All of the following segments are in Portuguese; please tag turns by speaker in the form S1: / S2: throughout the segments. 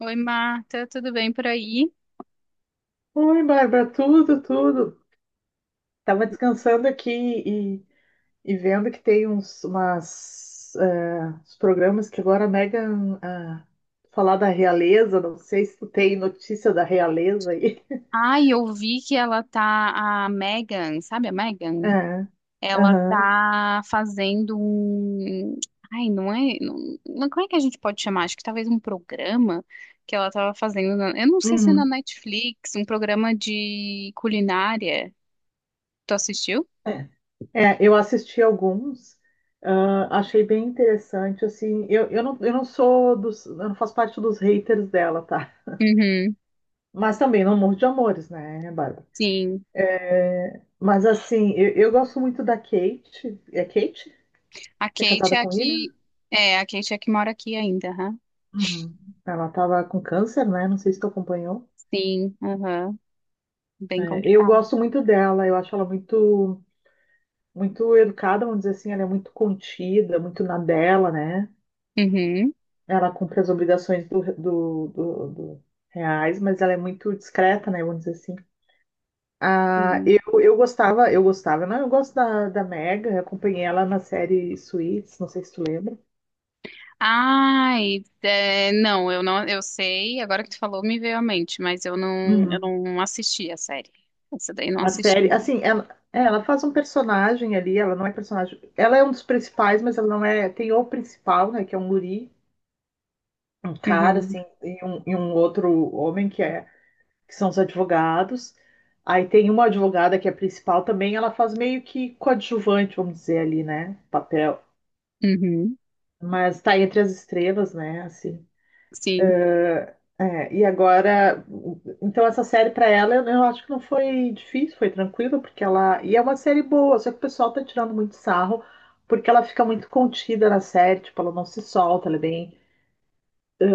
S1: Oi, Marta, tudo bem por aí?
S2: Oi, Bárbara, tudo. Tava descansando aqui e vendo que tem uns programas que agora Megan falar da realeza, não sei se tu tem notícia da realeza aí.
S1: Ai, eu vi que ela tá, a Megan, sabe a Megan?
S2: É,
S1: Ela
S2: aham,
S1: tá fazendo um. Ai, não é. Não, como é que a gente pode chamar? Acho que talvez um programa que ela tava fazendo. Eu não sei se é na
S2: uhum.
S1: Netflix, um programa de culinária. Tu assistiu?
S2: É, eu assisti alguns, achei bem interessante, assim, eu não sou dos, eu não faço parte dos haters dela, tá?
S1: Uhum,
S2: Mas também não morro de amores, né, Bárbara?
S1: sim.
S2: Mas assim, eu gosto muito da Kate. É Kate?
S1: A
S2: Que é
S1: Kate
S2: casada
S1: é a
S2: com ele?
S1: que. É, a Kate é a que mora aqui ainda, aham.
S2: Uhum. Ela tava com câncer, né? Não sei se tu acompanhou.
S1: Sim, aham. Bem
S2: É, eu
S1: complicado.
S2: gosto muito dela, eu acho ela muito, muito educada, vamos dizer assim, ela é muito contida, muito na dela, né?
S1: Uhum.
S2: Ela cumpre as obrigações do reais, mas ela é muito discreta, né? Vamos dizer assim. Ah, eu gostava, não, eu gosto da Meg, eu acompanhei ela na série Suits, não sei se tu lembra.
S1: Ai, é, não, eu sei, agora que tu falou me veio à mente, mas eu não, eu
S2: Uhum.
S1: não assisti a série. Essa daí eu não
S2: A
S1: assisti,
S2: série,
S1: não.
S2: assim, é, ela faz um personagem ali, ela não é personagem. Ela é um dos principais, mas ela não é. Tem o principal, né? Que é um guri, um cara,
S1: Uhum,
S2: assim, e um outro homem que é, que são os advogados. Aí tem uma advogada que é principal também, ela faz meio que coadjuvante, vamos dizer ali, né? Papel.
S1: uhum,
S2: Mas tá entre as estrelas, né? Assim.
S1: sim.
S2: É, e agora, então essa série para ela, eu acho que não foi difícil, foi tranquilo, porque ela, e é uma série boa, só que o pessoal tá tirando muito sarro, porque ela fica muito contida na série, tipo, ela não se solta, ela é bem,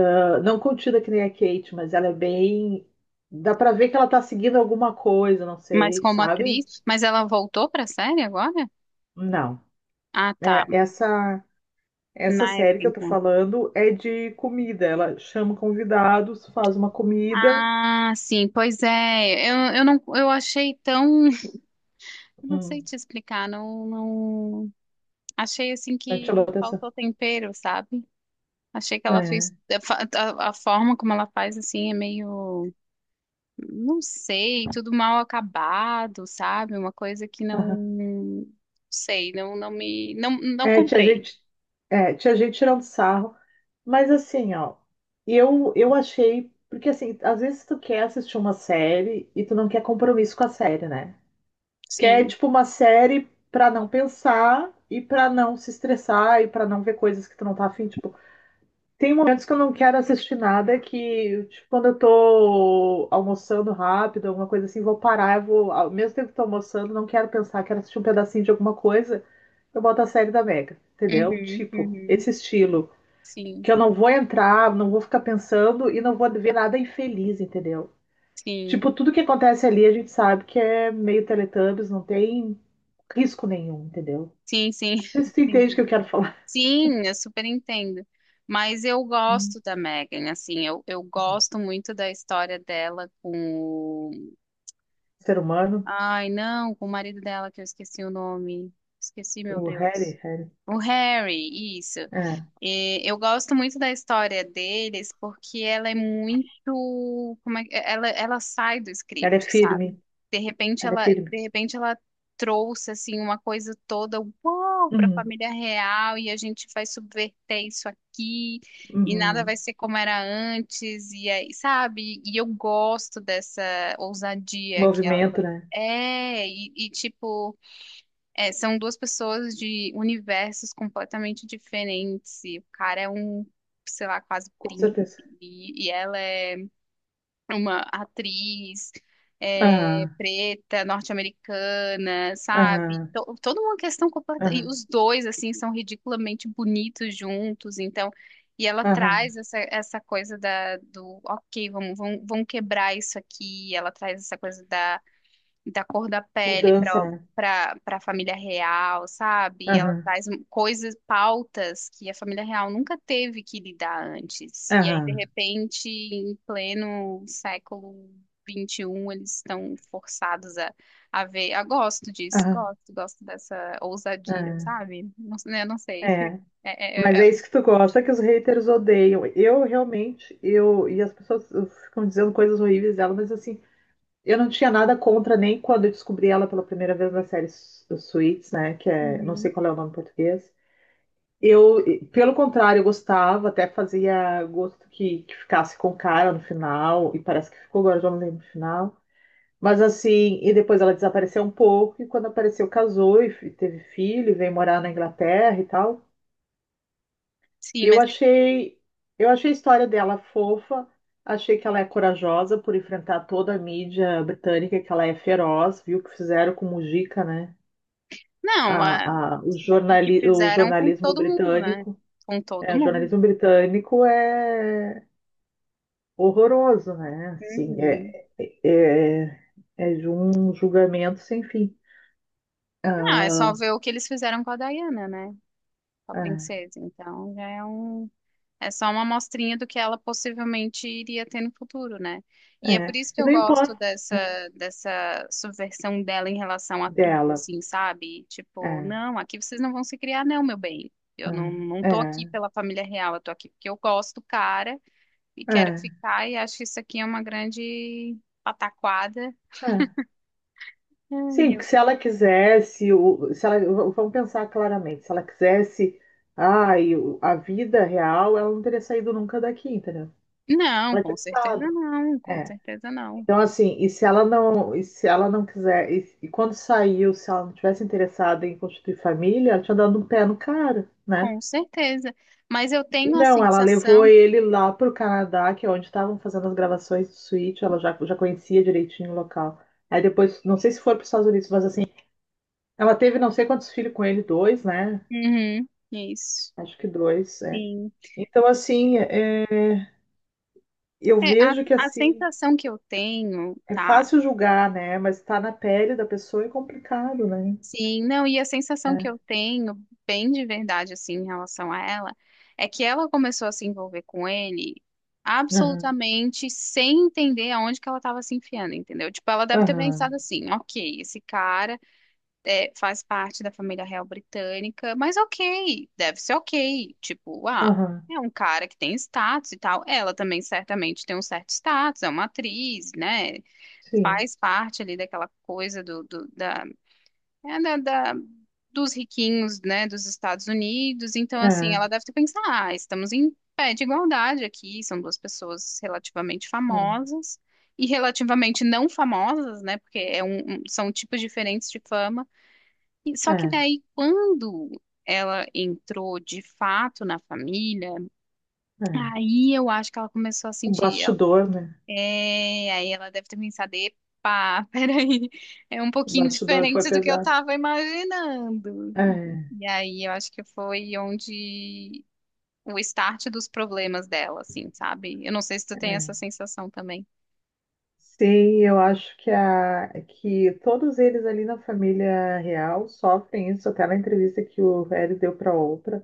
S2: ah, não contida que nem a Kate, mas ela é bem, dá pra ver que ela tá seguindo alguma coisa, não
S1: Mas
S2: sei,
S1: como
S2: sabe?
S1: atriz, mas ela voltou pra série agora?
S2: Não.
S1: Ah, tá,
S2: É, essa
S1: na
S2: série
S1: época
S2: que eu tô
S1: então.
S2: falando é de comida, ela chama convidados, faz uma comida,
S1: Ah, sim, pois é, eu não, eu achei tão, eu não sei
S2: hum,
S1: te explicar, não, não, achei assim
S2: né, chamou
S1: que
S2: a atenção.
S1: faltou tempero, sabe? Achei que ela fez,
S2: É.
S1: a, fa- a forma como ela faz assim é meio não sei, tudo mal acabado, sabe? Uma coisa que
S2: Aham.
S1: não sei, não, não me, não, não
S2: É, tinha
S1: comprei.
S2: gente, tinha gente tirando sarro, mas assim, ó, eu achei, porque assim, às vezes tu quer assistir uma série e tu não quer compromisso com a série, né? Quer,
S1: Sim.
S2: tipo, uma série pra não pensar e pra não se estressar e pra não ver coisas que tu não tá afim, tipo, tem momentos que eu não quero assistir nada que, tipo, quando eu tô almoçando rápido, alguma coisa assim, vou parar, eu vou, ao mesmo tempo que tô almoçando, não quero pensar, quero assistir um pedacinho de alguma coisa, eu boto a série da Mega, entendeu?
S1: Uhum,
S2: Tipo,
S1: uhum.
S2: esse estilo.
S1: Sim,
S2: Que eu não vou entrar, não vou ficar pensando e não vou ver nada infeliz, entendeu?
S1: sim,
S2: Tipo, tudo que acontece ali a gente sabe que é meio Teletubbies, não tem risco nenhum, entendeu?
S1: sim, sim.
S2: Não sei se tu entende o que
S1: Entendi.
S2: eu quero falar.
S1: Sim, eu super entendo. Mas eu
S2: Hum,
S1: gosto da Megan, assim, eu gosto muito da história dela com. o-
S2: ser humano,
S1: Ai, não, com o marido dela, que eu esqueci o nome. Esqueci, meu
S2: o
S1: Deus.
S2: Harry.
S1: O Harry, isso.
S2: É,
S1: E eu gosto muito da história deles porque ela é muito, como é, ela sai do script,
S2: ela é
S1: sabe?
S2: firme,
S1: De repente
S2: ela é
S1: ela,
S2: firme.
S1: de repente ela trouxe assim uma coisa toda, uau, para a
S2: Uhum,
S1: família real e a gente vai subverter isso aqui e nada
S2: uhum.
S1: vai ser como era antes e aí, sabe? E eu gosto dessa ousadia que ela
S2: Movimento, né?
S1: é e, tipo é, são duas pessoas de universos completamente diferentes. E o cara é um, sei lá, quase
S2: Com
S1: príncipe.
S2: certeza.
S1: E ela é uma atriz é,
S2: Aham,
S1: preta, norte-americana, sabe?
S2: aham,
S1: Toda uma questão completa. E
S2: aham,
S1: os dois, assim, são ridiculamente bonitos juntos. Então, e ela
S2: aham.
S1: traz essa coisa da, do, ok, vamos, vamos, vamos quebrar isso aqui. Ela traz essa coisa da cor da pele
S2: Mudança,
S1: para
S2: né?
S1: para para a família real, sabe? Ela
S2: Aham,
S1: traz coisas, pautas que a família real nunca teve que lidar antes. E aí, de
S2: aham,
S1: repente, em pleno século 21 eles estão forçados a ver. Ah, gosto disso,
S2: aham,
S1: gosto dessa ousadia,
S2: aham.
S1: sabe? Não, eu não sei.
S2: É,
S1: É-
S2: mas
S1: é- é-
S2: é isso que tu gosta, que os haters odeiam. Eu realmente, eu e as pessoas ficam dizendo coisas horríveis dela, mas assim, eu não tinha nada contra nem quando eu descobri ela pela primeira vez na série Suits, né? Que é, não sei
S1: Uhum.
S2: qual é o nome em português. Eu, pelo contrário, eu gostava, até fazia gosto que ficasse com o cara no final, e parece que ficou agora, eu já não lembro no final. Mas assim, e depois ela desapareceu um pouco, e quando apareceu, casou e teve filho, e veio morar na Inglaterra e tal.
S1: Sim,
S2: Eu
S1: mas
S2: achei, eu achei a história dela fofa, achei que ela é corajosa por enfrentar toda a mídia britânica, que ela é feroz, viu o que fizeram com Mujica, né?
S1: não, o que
S2: O
S1: fizeram com
S2: jornalismo
S1: todo mundo, né?
S2: britânico.
S1: Com todo
S2: É, o
S1: mundo.
S2: jornalismo britânico é horroroso, né? Assim,
S1: Uhum.
S2: é de um julgamento sem fim.
S1: Não, é só
S2: Ah,
S1: ver o que eles fizeram com a Diana, né? Com a princesa. Então, é só uma amostrinha do que ela possivelmente iria ter no futuro, né? E é por
S2: é.
S1: isso que
S2: E
S1: eu
S2: não
S1: gosto
S2: importa
S1: dessa subversão dela em relação a tudo,
S2: dela.
S1: assim, sabe? Tipo,
S2: É,
S1: não, aqui vocês não vão se criar, não, meu bem. Eu não
S2: é,
S1: tô aqui
S2: é,
S1: pela família real, eu tô aqui porque eu gosto do cara e quero
S2: é,
S1: ficar e acho que isso aqui é uma grande pataquada.
S2: é.
S1: Ai,
S2: Sim, porque
S1: eu-
S2: se ela quisesse, o- se ela, v- vamos pensar claramente, se ela quisesse, a vida real, ela não teria saído nunca daqui, entendeu?
S1: Não,
S2: Ela
S1: com
S2: tinha
S1: certeza
S2: ficado.
S1: não, com
S2: É.
S1: certeza não.
S2: Então, assim, e se ela não quiser, e quando saiu, se ela não tivesse interessada em constituir família, ela tinha dado um pé no cara, né?
S1: Com certeza. Mas eu
S2: E
S1: tenho a
S2: não, ela levou
S1: sensação.
S2: ele lá pro Canadá, que é onde estavam fazendo as gravações do Switch, já conhecia direitinho o local. Aí depois, não sei se foi para os Estados Unidos, mas assim, ela teve não sei quantos filhos com ele, dois, né?
S1: Uhum, isso.
S2: Acho que dois, é.
S1: Sim.
S2: Então, assim, eu
S1: É, a,
S2: vejo que,
S1: a
S2: assim,
S1: sensação que eu tenho,
S2: é
S1: tá?
S2: fácil julgar, né? Mas estar na pele da pessoa é complicado, né?
S1: Sim, não, e a sensação que
S2: É.
S1: eu tenho, bem de verdade, assim, em relação a ela, é que ela começou a se envolver com ele
S2: Aham,
S1: absolutamente sem entender aonde que ela estava se enfiando, entendeu? Tipo, ela deve ter
S2: aham,
S1: pensado assim, ok, esse cara. É, faz parte da família real britânica, mas ok, deve ser ok. Tipo, ah,
S2: aham,
S1: é um cara que tem status e tal. Ela também certamente tem um certo status, é uma atriz, né?
S2: sim.
S1: Faz parte ali daquela coisa do, do- da, é, da- da- dos riquinhos, né, dos Estados Unidos. Então, assim,
S2: É,
S1: ela deve ter pensado, ah, estamos em pé de igualdade aqui, são duas pessoas relativamente
S2: é,
S1: famosas. E relativamente não famosas, né? Porque são tipos diferentes de fama. Só que
S2: é,
S1: daí, quando ela entrou de fato na família,
S2: é.
S1: aí eu acho que ela começou a
S2: O
S1: sentir.
S2: bastidor, né?
S1: É, aí ela deve ter pensado: epa, peraí, é um
S2: O
S1: pouquinho
S2: bastidor foi
S1: diferente do que eu
S2: pesado.
S1: tava imaginando. E,
S2: É.
S1: e aí eu acho que foi onde o start dos problemas dela, assim, sabe? Eu não sei se tu tem essa
S2: É.
S1: sensação também.
S2: Sim, eu acho que todos eles ali na família real sofrem isso. Até na entrevista que o Harry deu para Oprah.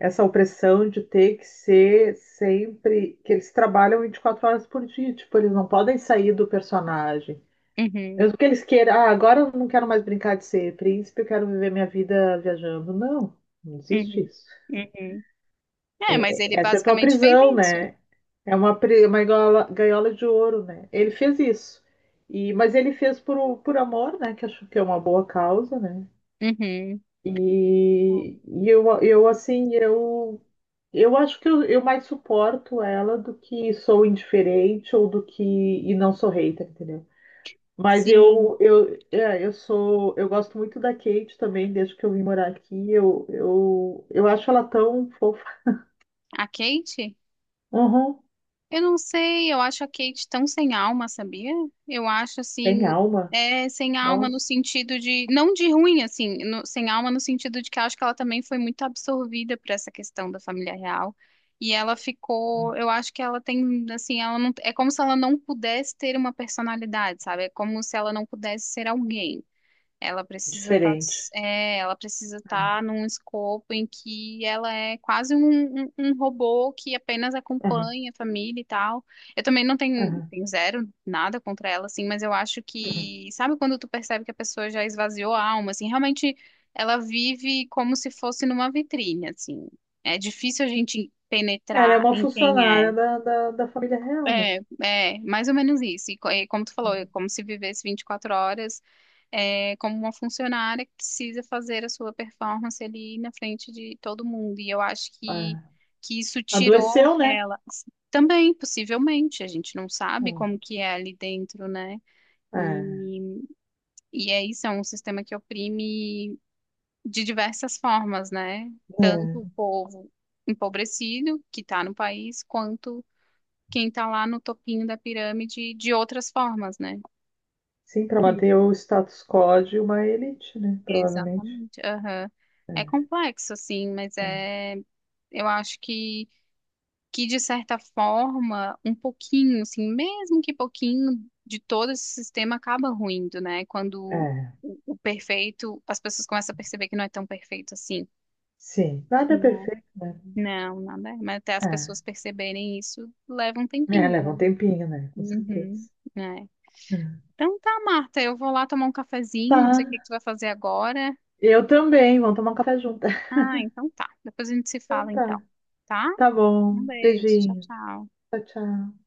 S2: Essa opressão de ter que ser sempre que eles trabalham 24 horas por dia, tipo, eles não podem sair do personagem.
S1: Uhum,
S2: Mesmo que eles queiram, ah, agora eu não quero mais brincar de ser príncipe, eu quero viver minha vida viajando. Não, não existe
S1: uhum,
S2: isso.
S1: uhum. É, mas ele
S2: Essa é a tua
S1: basicamente fez
S2: prisão,
S1: isso.
S2: né? É uma, uma gaiola, gaiola de ouro, né? Ele fez isso. E, mas ele fez por amor, né? Que acho que é uma boa causa, né?
S1: Uhum.
S2: E, e eu, eu, assim, eu eu acho que eu mais suporto ela do que sou indiferente ou do que e não sou hater, entendeu? Mas
S1: Sim.
S2: eu é, eu sou eu gosto muito da Kate também desde que eu vim morar aqui. Eu acho ela tão fofa.
S1: A Kate?
S2: Uhum,
S1: Eu não sei, eu acho a Kate tão sem alma, sabia? Eu acho
S2: tem
S1: assim,
S2: alma.
S1: é sem alma no
S2: Nossa,
S1: sentido de, não de ruim, assim, sem alma no sentido de que eu acho que ela também foi muito absorvida por essa questão da família real. E ela ficou, eu acho que ela tem, assim, ela não, é como se ela não pudesse ter uma personalidade, sabe? É como se ela não pudesse ser alguém. Ela precisa estar,
S2: diferente.
S1: é, ela precisa
S2: É,
S1: estar num escopo em que ela é quase um robô que apenas
S2: uhum,
S1: acompanha a família e tal. Eu também não tenho,
S2: uhum,
S1: tenho zero nada contra ela, assim, mas eu acho
S2: uhum.
S1: que, sabe quando tu percebe que a pessoa já esvaziou a alma, assim, realmente ela vive como se fosse numa vitrine, assim. É difícil a gente
S2: Ela é
S1: penetrar
S2: uma
S1: em quem
S2: funcionária
S1: é.
S2: da família real, né?
S1: É, mais ou menos isso. E como tu falou, é como se vivesse 24 horas, é, como uma funcionária que precisa fazer a sua performance ali na frente de todo mundo. E eu acho que,
S2: Ah,
S1: que isso tirou
S2: adoeceu, né?
S1: ela. Também, possivelmente, a gente não sabe como
S2: Hum,
S1: que é ali dentro, né?
S2: é,
S1: E, e é isso, é um sistema que oprime de diversas formas, né? Tanto o
S2: é.
S1: povo empobrecido que está no país, quanto quem está lá no topinho da pirâmide de outras formas, né?
S2: Sim, para
S1: Sim.
S2: manter o status quo de uma elite, né? Provavelmente.
S1: Exatamente. Aham. É
S2: É,
S1: complexo, assim, mas é, eu acho que de certa forma, um pouquinho, assim, mesmo que pouquinho de todo esse sistema acaba ruindo, né? Quando
S2: É.
S1: o perfeito, as pessoas começam a perceber que não é tão perfeito assim.
S2: Sim. Nada é
S1: Né?
S2: perfeito, né?
S1: Não, nada. É. Mas até as
S2: É.
S1: pessoas perceberem isso leva um
S2: É,
S1: tempinho,
S2: leva um
S1: né?
S2: tempinho, né? Com
S1: Uhum.
S2: certeza.
S1: É.
S2: É.
S1: Então tá, Marta, eu vou lá tomar um cafezinho, não sei
S2: Tá.
S1: o que que tu vai fazer agora.
S2: Eu também. Vamos tomar um café junto.
S1: Ah, então tá. Depois a gente se
S2: Então
S1: fala então,
S2: tá.
S1: tá?
S2: Tá
S1: Um
S2: bom.
S1: beijo, tchau,
S2: Beijinho.
S1: tchau.
S2: Tchau, tchau.